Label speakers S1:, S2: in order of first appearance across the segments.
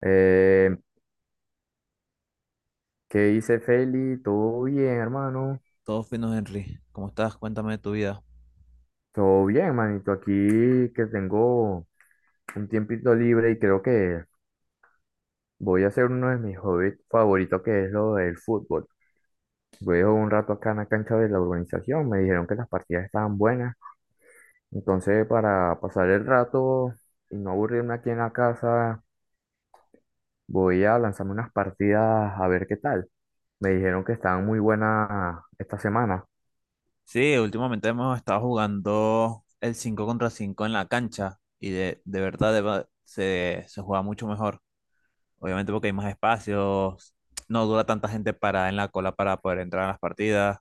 S1: Eh, ¿Qué dice Feli? ¿Todo bien, hermano?
S2: Todo fino, Henry. ¿Cómo estás? Cuéntame de tu vida.
S1: Todo bien, manito. Aquí que tengo un tiempito libre y creo que voy a hacer uno de mis hobbies favoritos, que es lo del fútbol. Voy a jugar un rato acá en la cancha de la urbanización. Me dijeron que las partidas estaban buenas. Entonces, para pasar el rato y no aburrirme aquí en la casa, voy a lanzarme unas partidas a ver qué tal. Me dijeron que estaban muy buenas esta semana.
S2: Sí, últimamente hemos estado jugando el 5 contra 5 en la cancha y de verdad se juega mucho mejor. Obviamente porque hay más espacios, no dura tanta gente parada en la cola para poder entrar a las partidas.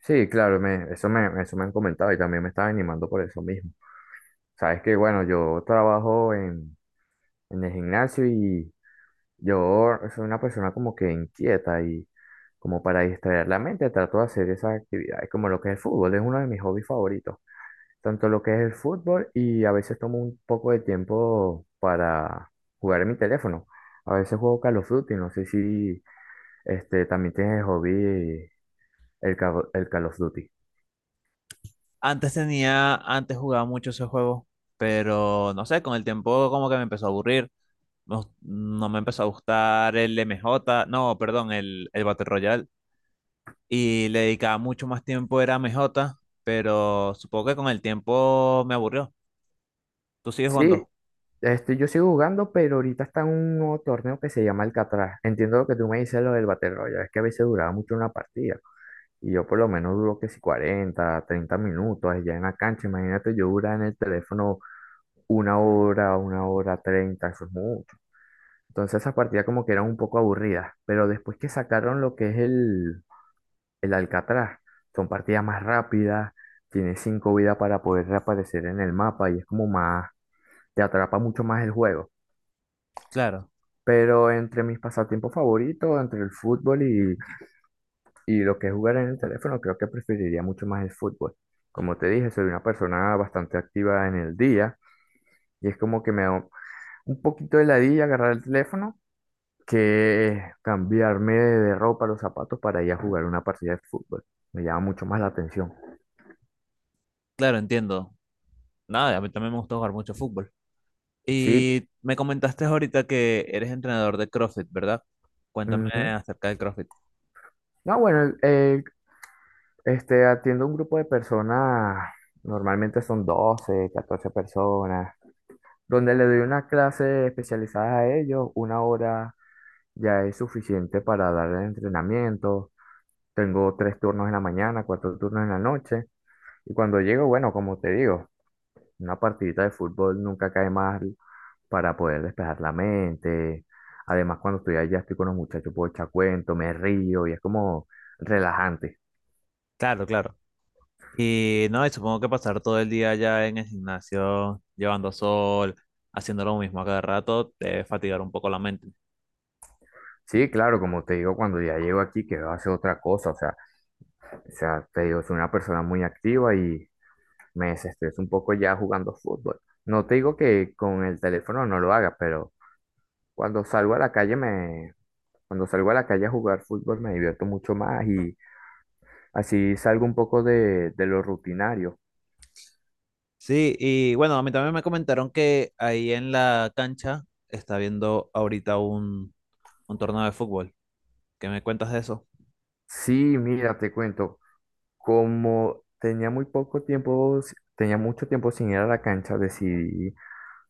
S1: Sí, claro, eso me han comentado y también me estaba animando por eso mismo. Sabes que, bueno, yo trabajo en el gimnasio y yo soy una persona como que inquieta y como para distraer la mente trato de hacer esas actividades como lo que es el fútbol, es uno de mis hobbies favoritos. Tanto lo que es el fútbol y a veces tomo un poco de tiempo para jugar en mi teléfono. A veces juego Call of Duty, no sé si también tienes el hobby el Call of Duty.
S2: Antes tenía, antes jugaba mucho ese juego, pero no sé, con el tiempo como que me empezó a aburrir. No, no me empezó a gustar el m j no, perdón, el Battle Royale. Y le dedicaba mucho más tiempo era a MJ, pero supongo que con el tiempo me aburrió. ¿Tú sigues
S1: Sí,
S2: jugando?
S1: Yo sigo jugando, pero ahorita está en un nuevo torneo que se llama Alcatraz. Entiendo lo que tú me dices, lo del Battle Royale, es que a veces duraba mucho una partida. Y yo por lo menos duro que si 40 30 minutos allá en la cancha. Imagínate, yo duraba en el teléfono una hora, 30, eso es mucho. Entonces esas partidas como que eran un poco aburridas. Pero después que sacaron lo que es el Alcatraz, son partidas más rápidas, tienes cinco vidas para poder reaparecer en el mapa y es como más, te atrapa mucho más el juego.
S2: Claro,
S1: Pero entre mis pasatiempos favoritos, entre el fútbol y lo que es jugar en el teléfono, creo que preferiría mucho más el fútbol. Como te dije, soy una persona bastante activa en el día y es como que me da un poquito de ladilla agarrar el teléfono que cambiarme de ropa, los zapatos para ir a jugar una partida de fútbol. Me llama mucho más la atención.
S2: claro, entiendo. Nada, a mí también me gusta jugar mucho fútbol.
S1: Sí.
S2: Y me comentaste ahorita que eres entrenador de CrossFit, ¿verdad? Cuéntame
S1: Ujú.
S2: acerca del CrossFit.
S1: No, bueno, atiendo un grupo de personas, normalmente son 12 14 personas. Donde le doy una clase especializada a ellos, una hora ya es suficiente para dar el entrenamiento. Tengo tres turnos en la mañana, cuatro turnos en la noche. Y cuando llego, bueno, como te digo, una partidita de fútbol nunca cae mal para poder despejar la mente. Además, cuando estoy allá, estoy con los muchachos, puedo echar cuento, me río y es como relajante.
S2: Claro, claro. Y no, y supongo que pasar todo el día allá en el gimnasio, llevando sol, haciendo lo mismo a cada rato, te debe fatigar un poco la mente.
S1: Sí, claro, como te digo, cuando ya llego aquí, que va hacer otra cosa, o sea, te digo, soy una persona muy activa y me desestreso un poco ya jugando fútbol. No te digo que con el teléfono no lo haga, pero cuando salgo a la calle cuando salgo a la calle a jugar fútbol me divierto mucho más y así salgo un poco de lo rutinario.
S2: Sí, y bueno, a mí también me comentaron que ahí en la cancha está viendo ahorita un torneo de fútbol. ¿Qué me cuentas de eso?
S1: Sí, mira, te cuento, como tenía muy poco tiempo, tenía mucho tiempo sin ir a la cancha, decidí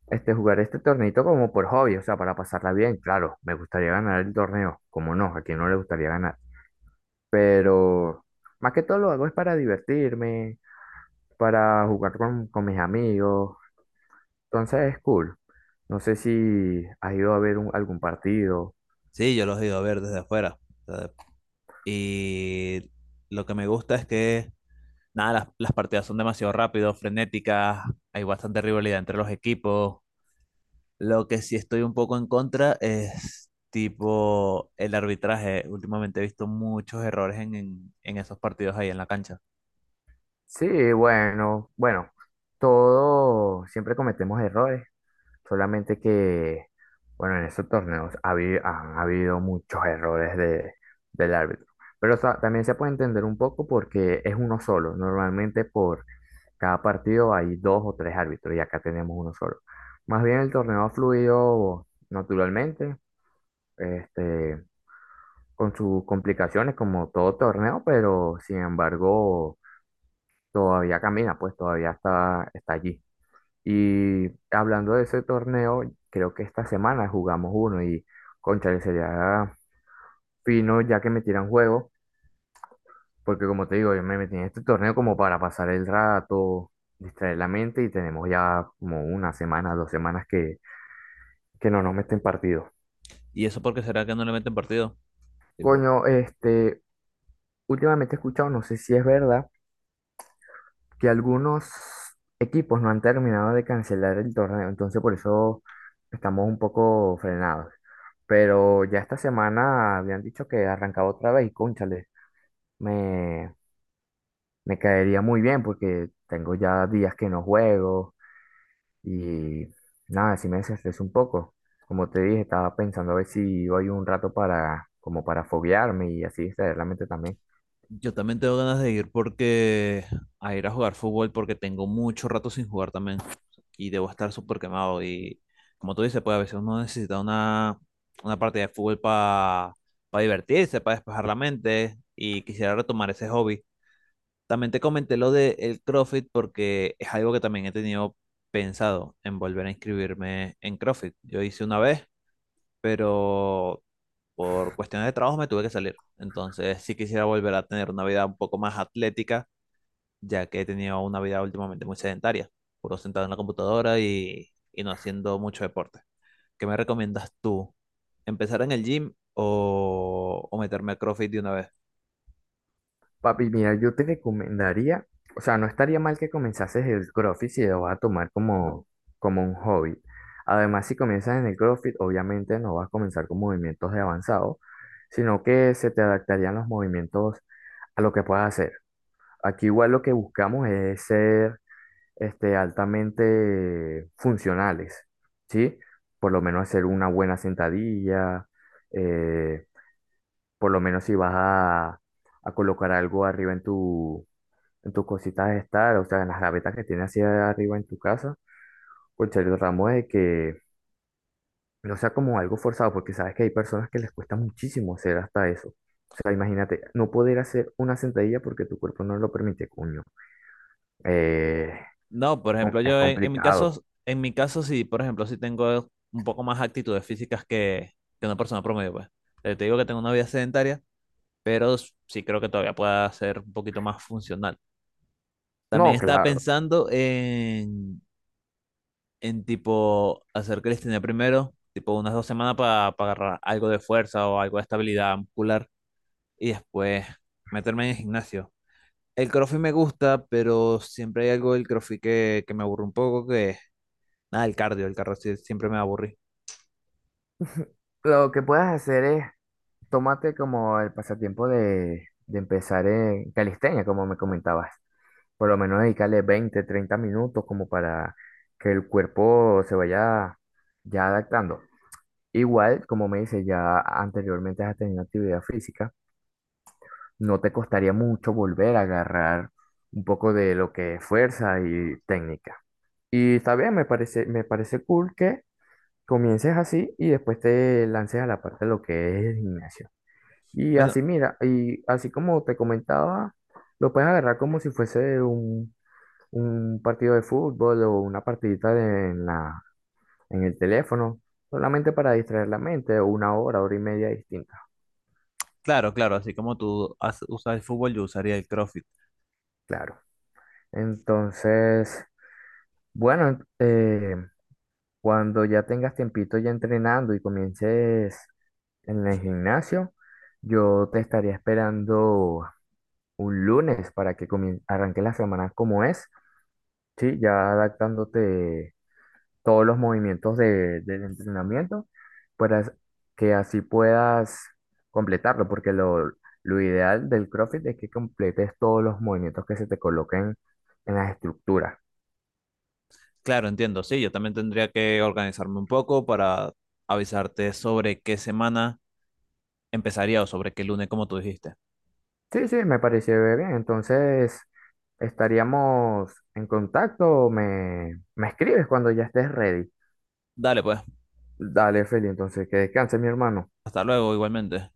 S1: jugar este torneito como por hobby, o sea, para pasarla bien. Claro, me gustaría ganar el torneo, como no, a quien no le gustaría ganar. Pero más que todo lo hago es para divertirme, para jugar con mis amigos, entonces es cool. No sé si has ido a ver algún partido.
S2: Sí, yo los he ido a ver desde afuera. O sea, y lo que me gusta es que, nada, las partidas son demasiado rápidas, frenéticas, hay bastante rivalidad entre los equipos. Lo que sí estoy un poco en contra es tipo el arbitraje. Últimamente he visto muchos errores en esos partidos ahí en la cancha.
S1: Sí, bueno, bueno, todo, siempre cometemos errores, solamente que, bueno, en esos torneos han habido muchos errores del árbitro, pero o también se puede entender un poco porque es uno solo, normalmente por cada partido hay dos o tres árbitros y acá tenemos uno solo. Más bien el torneo ha fluido naturalmente, este, con sus complicaciones como todo torneo, pero sin embargo todavía camina, pues todavía está allí. Y hablando de ese torneo, creo que esta semana jugamos uno y cónchale, sería fino ya que metieran juego. Porque como te digo, yo me metí en este torneo como para pasar el rato, distraer la mente y tenemos ya como una semana, dos semanas que no nos meten partido.
S2: ¿Y eso por qué será que no le meten partido? Tipo,
S1: Coño, últimamente he escuchado, no sé si es verdad, que algunos equipos no han terminado de cancelar el torneo, entonces por eso estamos un poco frenados. Pero ya esta semana habían dicho que arrancaba otra vez y cónchale, me, me caería muy bien porque tengo ya días que no juego. Y nada, si me desestresé un poco. Como te dije, estaba pensando a ver si voy un rato como para foguearme y así distraer la mente también.
S2: yo también tengo ganas de ir porque a ir a jugar fútbol porque tengo mucho rato sin jugar también y debo estar súper quemado y, como tú dices, pues a veces uno necesita una partida de fútbol para divertirse, para despejar la mente, y quisiera retomar ese hobby. También te comenté lo del CrossFit porque es algo que también he tenido pensado en volver a inscribirme en CrossFit. Yo hice una vez, pero por cuestiones de trabajo me tuve que salir. Entonces sí quisiera volver a tener una vida un poco más atlética, ya que he tenido una vida últimamente muy sedentaria, puro sentado en la computadora y no haciendo mucho deporte. ¿Qué me recomiendas tú? ¿Empezar en el gym o meterme a CrossFit de una vez?
S1: Papi, mira, yo te recomendaría, o sea, no estaría mal que comenzases el CrossFit si lo vas a tomar como un hobby. Además, si comienzas en el CrossFit, obviamente no vas a comenzar con movimientos de avanzado, sino que se te adaptarían los movimientos a lo que puedas hacer. Aquí igual lo que buscamos es ser altamente funcionales, ¿sí? Por lo menos hacer una buena sentadilla, eh, por lo menos si vas a colocar algo arriba en en tus cositas de estar, o sea, en las gavetas que tienes hacia arriba en tu casa, pues tratamos de que no sea como algo forzado, porque sabes que hay personas que les cuesta muchísimo hacer hasta eso. O sea, imagínate, no poder hacer una sentadilla porque tu cuerpo no lo permite, cuño. Eh,
S2: No, por ejemplo,
S1: es
S2: yo
S1: complicado.
S2: en mi caso sí, por ejemplo, sí tengo un poco más actitudes físicas que una persona promedio, pues. Te digo que tengo una vida sedentaria, pero sí creo que todavía pueda ser un poquito más funcional. También
S1: No,
S2: estaba
S1: claro.
S2: pensando en tipo hacer calistenia primero, tipo unas 2 semanas para agarrar algo de fuerza o algo de estabilidad muscular y después meterme en el gimnasio. El CrossFit me gusta, pero siempre hay algo del CrossFit que me aburre un poco, que es nada, el cardio siempre me aburrí.
S1: Lo que puedes hacer es tómate como el pasatiempo de empezar en calistenia, como me comentabas. Por lo menos dedicarle 20 30 minutos como para que el cuerpo se vaya ya adaptando. Igual, como me dices, ya anteriormente has tenido actividad física, no te costaría mucho volver a agarrar un poco de lo que es fuerza y técnica. Y está bien, me parece cool que comiences así y después te lances a la parte de lo que es el gimnasio. Y
S2: Bueno,
S1: así, mira, y así como te comentaba, lo puedes agarrar como si fuese un partido de fútbol o una partidita en el teléfono, solamente para distraer la mente, una hora, hora y media distinta,
S2: claro, claro, así como tú usas el fútbol, yo usaría el CrossFit.
S1: claro. Entonces, bueno, cuando ya tengas tiempito ya entrenando y comiences en el gimnasio, yo te estaría esperando un lunes para que arranque la semana como es. Sí, ya adaptándote todos los movimientos del entrenamiento para as- que así puedas completarlo, porque lo ideal del CrossFit es que completes todos los movimientos que se te coloquen en las estructuras.
S2: Claro, entiendo, sí, yo también tendría que organizarme un poco para avisarte sobre qué semana empezaría sobre qué lunes, como tú dijiste.
S1: Sí, sí, me pareció bien. Entonces, estaríamos en contacto. Me escribes cuando ya estés ready.
S2: Dale, pues.
S1: Dale, Feli, entonces que descanse, mi hermano.
S2: Hasta luego, igualmente.